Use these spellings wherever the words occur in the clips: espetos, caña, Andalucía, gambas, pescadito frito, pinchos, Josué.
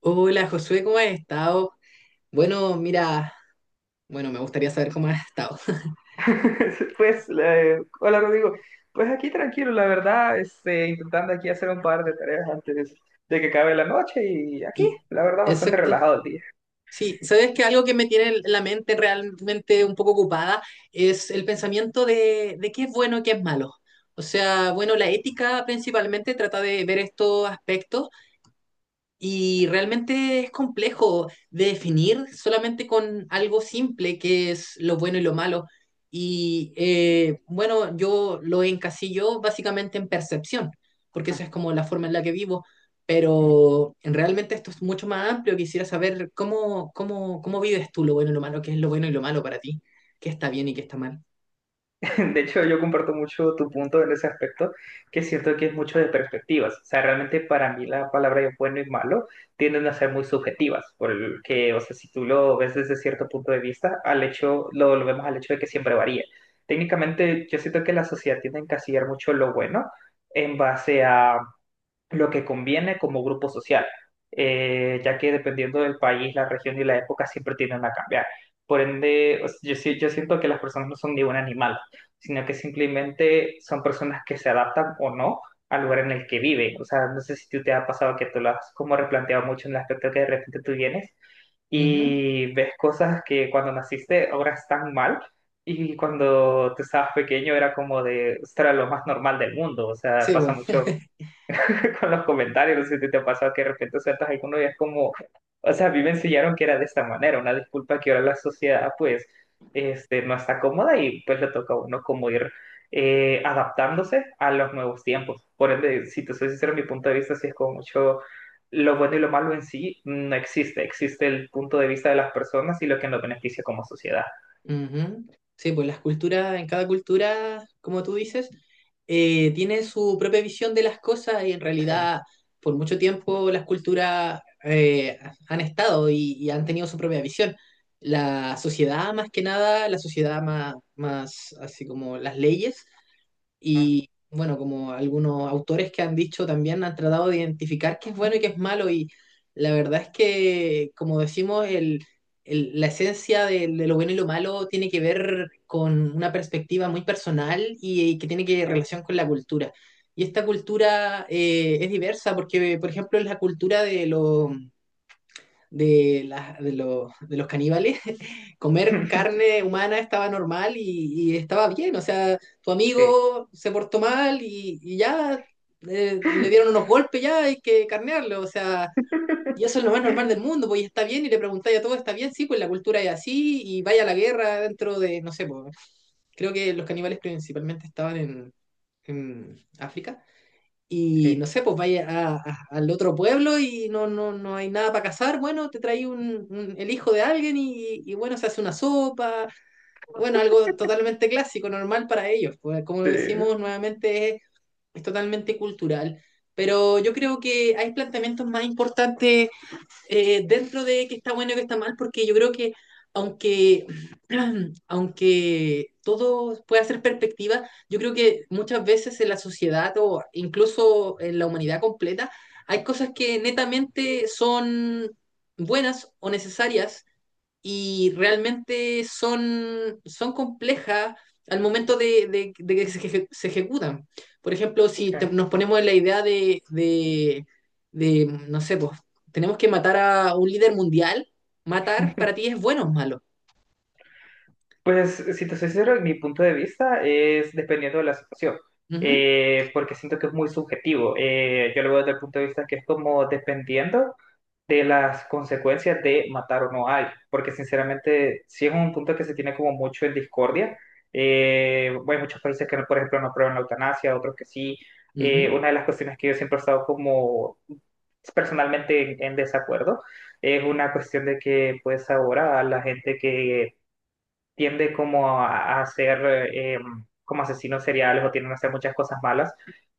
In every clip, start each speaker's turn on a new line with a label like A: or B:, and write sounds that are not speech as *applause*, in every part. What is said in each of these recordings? A: Hola Josué, ¿cómo has estado? Bueno, mira, bueno, me gustaría saber cómo has estado. *laughs*
B: *laughs* Pues, hola Rodrigo. Pues aquí tranquilo, la verdad, intentando aquí hacer un par de tareas antes de que acabe la noche y aquí,
A: Y,
B: la verdad, bastante
A: exacto.
B: relajado el día.
A: Sí, sabes que algo que me tiene la mente realmente un poco ocupada es el pensamiento de qué es bueno y qué es malo. O sea, bueno, la ética principalmente trata de ver estos aspectos. Y realmente es complejo de definir solamente con algo simple, que es lo bueno y lo malo. Y bueno, yo lo encasillo básicamente en percepción, porque esa es como la forma en la que vivo. Pero realmente esto es mucho más amplio. Quisiera saber cómo vives tú lo bueno y lo malo, qué es lo bueno y lo malo para ti, qué está bien y qué está mal.
B: *laughs* De hecho, yo comparto mucho tu punto en ese aspecto, que siento que es mucho de perspectivas. O sea, realmente para mí la palabra de bueno y malo tienden a ser muy subjetivas, porque, o sea, si tú lo ves desde cierto punto de vista, al hecho, lo vemos al hecho de que siempre varía. Técnicamente, yo siento que la sociedad tiende a encasillar mucho lo bueno en base a lo que conviene como grupo social, ya que dependiendo del país, la región y la época siempre tienden a cambiar. Por ende, o sea, yo siento que las personas no son ni un animal, sino que simplemente son personas que se adaptan o no al lugar en el que viven. O sea, no sé si tú te ha pasado que tú lo has como replanteado mucho en el aspecto que de repente tú vienes
A: Ujú.
B: y ves cosas que cuando naciste ahora están mal, y cuando tú estabas pequeño era como de, esto era lo más normal del mundo. O sea,
A: Sí,
B: pasa
A: vos.
B: mucho con los comentarios, no sé si te ha pasado que de repente sueltas alguno y es como, o sea, a mí me enseñaron que era de esta manera, una disculpa que ahora la sociedad pues no está cómoda, y pues le toca a uno como ir adaptándose a los nuevos tiempos. Por ende, si te soy sincero, mi punto de vista sí es como mucho lo bueno y lo malo en sí no existe, existe el punto de vista de las personas y lo que nos beneficia como sociedad.
A: Ujú. Sí, pues las culturas, en cada cultura, como tú dices, tiene su propia visión de las cosas y en
B: Sí.
A: realidad por mucho tiempo las culturas han estado y han tenido su propia visión. La sociedad, más que nada, la sociedad más así como las leyes. Y bueno, como algunos autores que han dicho también, han tratado de identificar qué es bueno y qué es malo. Y la verdad es que, como decimos, la esencia de lo bueno y lo malo tiene que ver con una perspectiva muy personal y que tiene que relación con la cultura. Y esta cultura es diversa porque, por ejemplo, es la cultura de los de, la- de los caníbales. *laughs* Comer
B: *laughs*
A: carne humana estaba normal y estaba bien. O sea, tu
B: Sí.
A: amigo se portó mal y ya le dieron unos golpes, ya hay que carnearlo. O sea, y eso
B: *laughs*
A: es lo más normal del mundo, pues, y está bien, y le preguntáis a todo, está bien, sí, pues la cultura es así, y vaya a la guerra dentro de, no sé, pues, creo que los caníbales principalmente estaban en África. Y
B: Sí.
A: no sé, pues vaya al otro pueblo y no, no, no hay nada para cazar. Bueno, te trae un, el hijo de alguien y bueno, se hace una sopa. Bueno, algo totalmente clásico, normal para ellos. Pues, como lo
B: Sí.
A: decimos nuevamente, es totalmente cultural. Pero yo creo que hay planteamientos más importantes dentro de que está bueno y que está mal, porque yo creo que aunque, *clears throat* aunque todo pueda ser perspectiva, yo creo que muchas veces en la sociedad o incluso en la humanidad completa hay cosas que netamente son buenas o necesarias, y realmente son complejas al momento de que se ejecutan. Por ejemplo, si
B: Sí.
A: nos ponemos en la idea de, no sé, pues tenemos que matar a un líder mundial, matar para ti, ¿es bueno o malo?
B: Pues, si te soy sincero, mi punto de vista es dependiendo de la situación,
A: Ujú,
B: porque siento que es muy subjetivo. Yo lo veo desde el punto de vista que es como dependiendo de las consecuencias de matar o no a alguien, porque sinceramente sí es un punto que se tiene como mucho en discordia. Hay muchos países que, no, por ejemplo, no aprueban la eutanasia, otros que sí.
A: ujú,
B: Una de las cuestiones que yo siempre he estado como personalmente en desacuerdo es una cuestión de que pues ahora la gente que tiende como a ser eh, como asesinos seriales o tienden a hacer muchas cosas malas,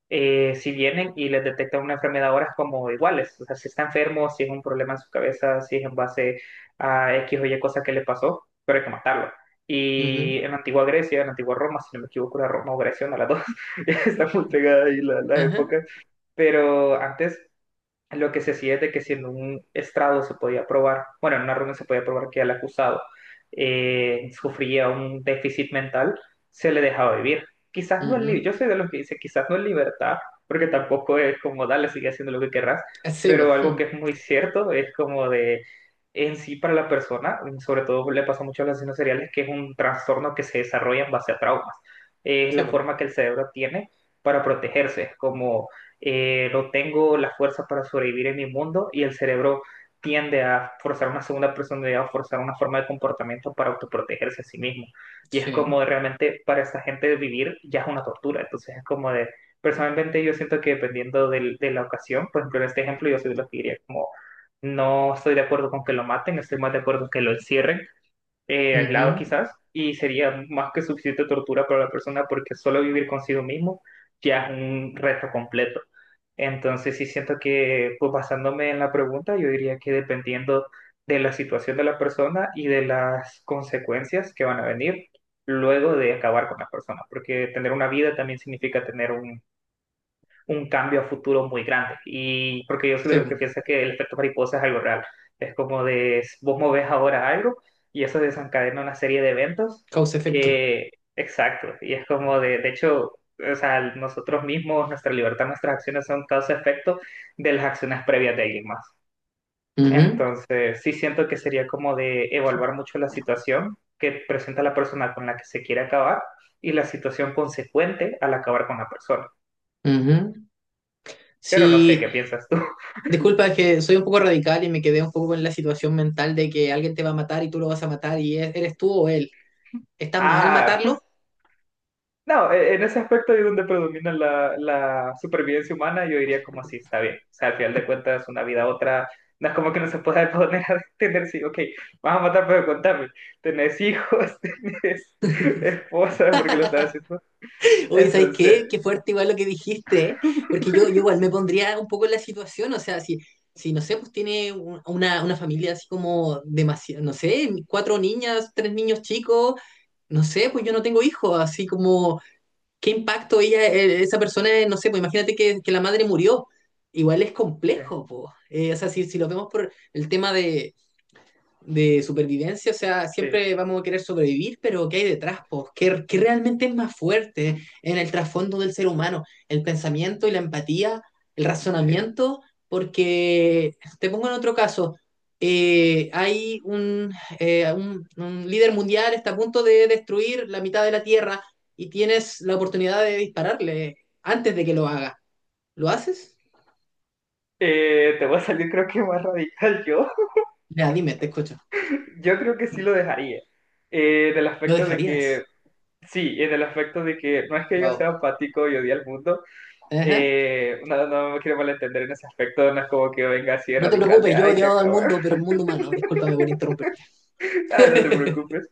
B: si vienen y les detectan una enfermedad ahora es como iguales. O sea, si está enfermo, si es un problema en su cabeza, si es en base a X o Y cosa que le pasó, pero hay que matarlo.
A: ujú,
B: Y en la antigua Grecia, en la antigua Roma, si no me equivoco, era Roma o Grecia, una de las dos, *laughs* está muy pegada ahí la
A: ajá,
B: época, pero antes lo que se hacía es de que si en un estrado se podía probar, bueno, en una reunión se podía probar que el acusado sufría un déficit mental, se le dejaba vivir. Quizás no en
A: ujú.
B: libertad, yo soy de los que dice quizás no en libertad, porque tampoco es como dale, sigue haciendo lo que querrás,
A: Sí, po,
B: pero algo que
A: mm,
B: es muy cierto es como de en sí para la persona, sobre todo le pasa mucho a los asesinos seriales, que es un trastorno que se desarrolla en base a traumas. Es
A: sí,
B: la
A: po,
B: forma que el cerebro tiene para protegerse, como no tengo la fuerza para sobrevivir en mi mundo, y el cerebro tiende a forzar una segunda personalidad o forzar una forma de comportamiento para autoprotegerse a sí mismo. Y es
A: sí,
B: como de realmente para esta gente vivir ya es una tortura. Entonces es como de, personalmente yo siento que dependiendo de la ocasión. Por ejemplo, en este ejemplo yo soy de los que diría como, no estoy de acuerdo con que lo maten, estoy más de acuerdo con que lo encierren, aislado
A: ujú,
B: quizás, y sería más que suficiente tortura para la persona, porque solo vivir consigo mismo ya es un reto completo. Entonces sí siento que, pues basándome en la pregunta, yo diría que dependiendo de la situación de la persona y de las consecuencias que van a venir luego de acabar con la persona, porque tener una vida también significa tener un cambio a futuro muy grande. Y porque yo soy de
A: sí,
B: los
A: po.
B: que piensa que el efecto mariposa es algo real. Es como de vos movés ahora algo y eso desencadena una serie de eventos
A: Causa-efecto.
B: que, exacto, y es como de hecho, o sea, nosotros mismos, nuestra libertad, nuestras acciones son causa-efecto de las acciones previas de alguien más.
A: Ujú,
B: Entonces, sí siento que sería como de evaluar mucho la situación que presenta la persona con la que se quiere acabar y la situación consecuente al acabar con la persona.
A: ujú.
B: Pero no sé, ¿qué
A: Sí.
B: piensas tú?
A: Disculpa, es que soy un poco radical y me quedé un poco con la situación mental de que alguien te va a matar y tú lo vas a matar, y eres tú o él. ¿Está mal
B: Ah,
A: matarlo?
B: *laughs* no, en ese aspecto es donde predomina la supervivencia humana, yo diría como así, está bien. O sea, al final de cuentas, una vida a otra, no es como que no se pueda *laughs* poner a tener, sí, ok, vas a matar, pero contame, tenés hijos, *laughs* tenés esposa, porque lo estás haciendo.
A: *laughs* Oye, ¿sabes qué?
B: Entonces,
A: Qué fuerte igual lo que dijiste, ¿eh? Porque yo
B: *laughs*
A: igual
B: sí,
A: me pondría un poco en la situación, o sea, si no sé, pues tiene una familia así como demasiado, no sé, cuatro niñas, tres niños chicos, no sé, pues yo no tengo hijos, así como qué impacto ella, esa persona, no sé, pues imagínate que, la madre murió. Igual es
B: sí,
A: complejo, po. O sea, si lo vemos por el tema de supervivencia, o sea,
B: sí.
A: siempre vamos a querer sobrevivir, pero ¿qué hay detrás? Pues, ¿qué realmente es más fuerte en el trasfondo del ser humano? El pensamiento y la empatía, el
B: Sí.
A: razonamiento. Porque te pongo en otro caso, hay un líder mundial, está a punto de destruir la mitad de la Tierra y tienes la oportunidad de dispararle antes de que lo haga. ¿Lo haces?
B: Te voy a salir creo que más radical yo. *laughs*
A: Ya, dime, te escucho.
B: Yo creo que sí lo dejaría. En el
A: ¿Lo
B: aspecto de
A: dejarías?
B: que, sí, en el aspecto de que no es que yo sea
A: Wow.
B: apático y odie al mundo. No, no me quiero malentender en ese aspecto, no es como que venga así de
A: No te
B: radical de
A: preocupes, yo he
B: ay, que
A: odiado al
B: acabar.
A: mundo, pero el mundo humano. Discúlpame por interrumpirte.
B: *laughs* Ah, no te
A: *laughs*
B: preocupes.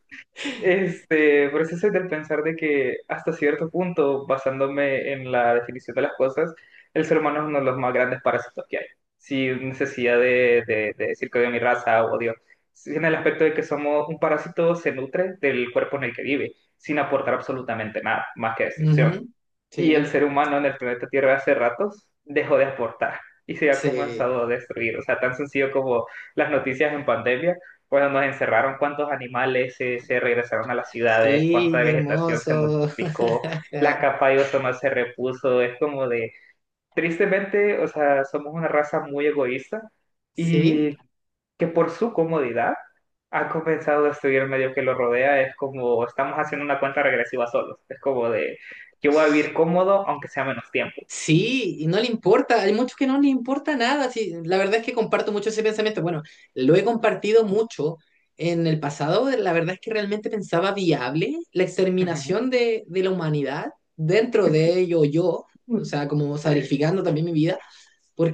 B: Pero sí soy del pensar de que hasta cierto punto, basándome en la definición de las cosas, el ser humano es uno de los más grandes parásitos que hay, sin necesidad de, decir que odio mi raza o odio. Sí, en el aspecto de que somos un parásito, se nutre del cuerpo en el que vive, sin aportar absolutamente nada, más que destrucción.
A: Ujú,
B: Y el
A: sí,
B: ser humano en el planeta Tierra hace ratos dejó de aportar, y se ha
A: sí.
B: comenzado a destruir. O sea, tan sencillo como las noticias en pandemia, cuando nos encerraron, cuántos animales se regresaron a las ciudades,
A: Sí,
B: cuánta
A: qué
B: vegetación se
A: hermoso.
B: multiplicó, la
A: *laughs*
B: capa de ozono se repuso. Es como de, tristemente, o sea, somos una raza muy egoísta.
A: Sí.
B: Y que por su comodidad ha comenzado a destruir el medio que lo rodea. Es como estamos haciendo una cuenta regresiva solos. Es como de yo voy a vivir cómodo aunque sea menos tiempo.
A: Sí, y no le importa, hay muchos que no le importa nada. Sí, la verdad es que comparto mucho ese pensamiento. Bueno, lo he compartido mucho en el pasado. La verdad es que realmente pensaba viable la exterminación de la humanidad, dentro de ello yo, o
B: Ujú.
A: sea, como
B: Sí,
A: sacrificando también mi vida,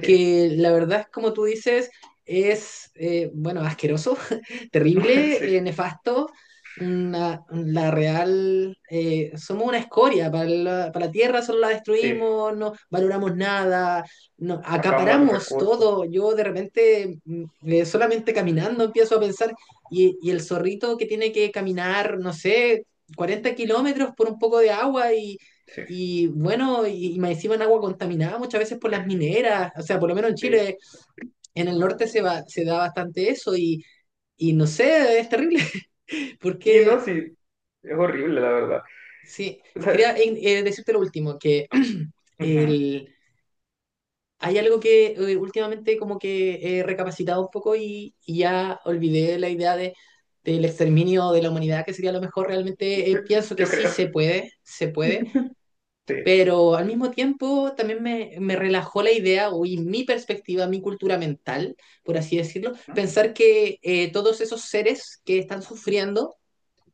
B: sí,
A: la verdad es como tú dices, es, bueno, asqueroso, *laughs*
B: *laughs*
A: terrible,
B: sí,
A: nefasto, la real, somos una escoria para la, tierra, solo la
B: sí.
A: destruimos, no valoramos nada, no,
B: Acabamos los
A: acaparamos
B: recursos.
A: todo. Yo de repente, solamente caminando empiezo a pensar, y el zorrito que tiene que caminar, no sé, 40 kilómetros por un poco de agua, y,
B: Sí,
A: y bueno, y más encima en agua contaminada muchas veces por las mineras, o sea, por lo menos en
B: sí.
A: Chile, en el norte se da bastante eso, y, no sé, es terrible, *laughs*
B: Sí, no,
A: porque
B: sí. Es horrible, la verdad.
A: sí.
B: O sea,
A: Quería decirte lo último, que *clears throat*
B: ujú.
A: el, hay algo que últimamente como que he recapacitado un poco, y, ya olvidé la idea de, del exterminio de la humanidad, que sería lo mejor. Realmente pienso
B: *laughs*
A: que
B: Yo
A: sí
B: creo.
A: se puede,
B: Sí.
A: pero al mismo tiempo también me relajó la idea, o y mi perspectiva, mi cultura mental, por así decirlo,
B: ¿No?
A: pensar que todos esos seres que están sufriendo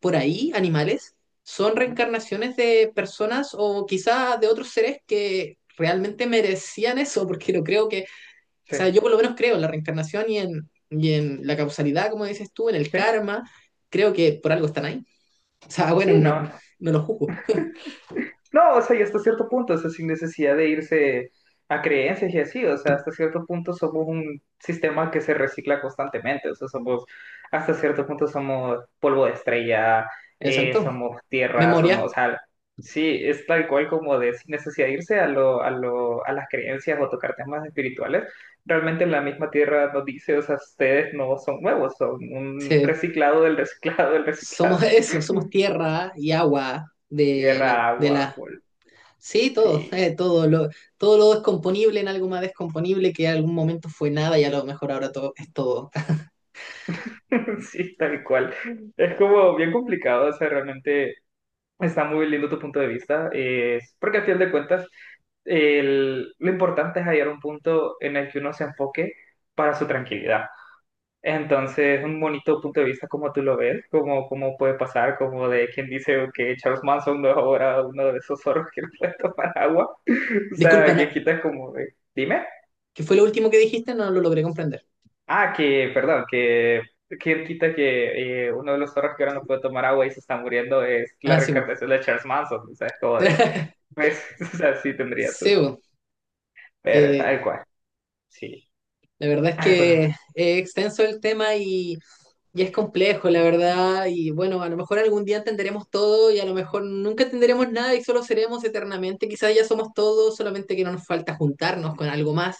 A: por ahí, animales, son
B: Ujú.
A: reencarnaciones de personas o quizás de otros seres que realmente merecían eso, porque lo creo que, o
B: Sí.
A: sea, yo por lo menos creo en la reencarnación y en la causalidad, como dices tú, en el
B: Sí.
A: karma. Creo que por algo están ahí. O sea, bueno,
B: Sí, no,
A: no,
B: no.
A: no lo juzgo.
B: No, o sea, y hasta cierto punto, o sea, sin necesidad de irse a creencias y así, o sea, hasta cierto punto somos un sistema que se recicla constantemente, o sea, somos, hasta cierto punto somos polvo de estrella,
A: Exacto.
B: somos tierra,
A: Memoria.
B: somos, o sea, sí, es tal cual como de sin necesidad de irse a las creencias o tocar temas espirituales, realmente la misma tierra nos dice, o sea, ustedes no son nuevos, son un
A: Sí.
B: reciclado del reciclado del
A: Somos
B: reciclado,
A: *laughs* eso, somos
B: *laughs*
A: tierra y agua
B: tierra, agua, polvo,
A: sí, todo, *laughs*
B: sí.
A: todo lo, descomponible en algo más descomponible que en algún momento fue nada, y a lo mejor ahora todo es todo. *laughs*
B: *laughs* Sí, tal cual. Es como bien complicado, o sea, realmente está muy lindo tu punto de vista, porque al final de cuentas lo importante es hallar un punto en el que uno se enfoque para su tranquilidad. Entonces, un bonito punto de vista como tú lo ves, como, cómo puede pasar, como de quien dice que Charles Manson no es ahora uno de esos zorros que *laughs* no puede tomar agua. *laughs* O
A: Disculpa,
B: sea, quien
A: no,
B: quita es como, de, dime.
A: ¿qué fue lo último que dijiste? No lo logré comprender.
B: Ah, que, perdón, que quien quita que uno de los zorros que ahora no puede tomar agua y se está muriendo es la
A: Ah, sí, bo.
B: reencarnación de Charles Manson, o sea, es como de,
A: *laughs*
B: pues, *laughs* o sea, sí tendría
A: Sí,
B: su,
A: bo.
B: pero
A: Eh,
B: tal cual, sí.
A: la verdad es
B: Ay, pero,
A: que es extenso el tema, y es complejo, la verdad. Y bueno, a lo mejor algún día entenderemos todo, y a lo mejor nunca entenderemos nada y solo seremos eternamente, quizás ya somos todos, solamente que no nos falta juntarnos con algo más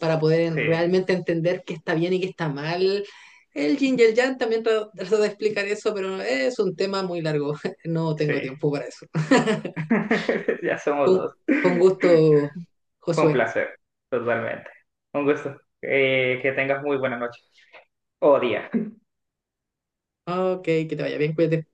A: para poder
B: sí,
A: realmente entender qué está bien y qué está mal. El yin y el yang también trato de explicar eso, pero es un tema muy largo, *laughs* no
B: sí,
A: tengo tiempo para eso. *laughs*
B: *laughs* ya somos
A: Con,
B: dos.
A: con gusto,
B: Fue un
A: Josué.
B: placer, totalmente. Un gusto. Que tengas muy buena noche o día.
A: Ok, que te vaya bien, cuídate.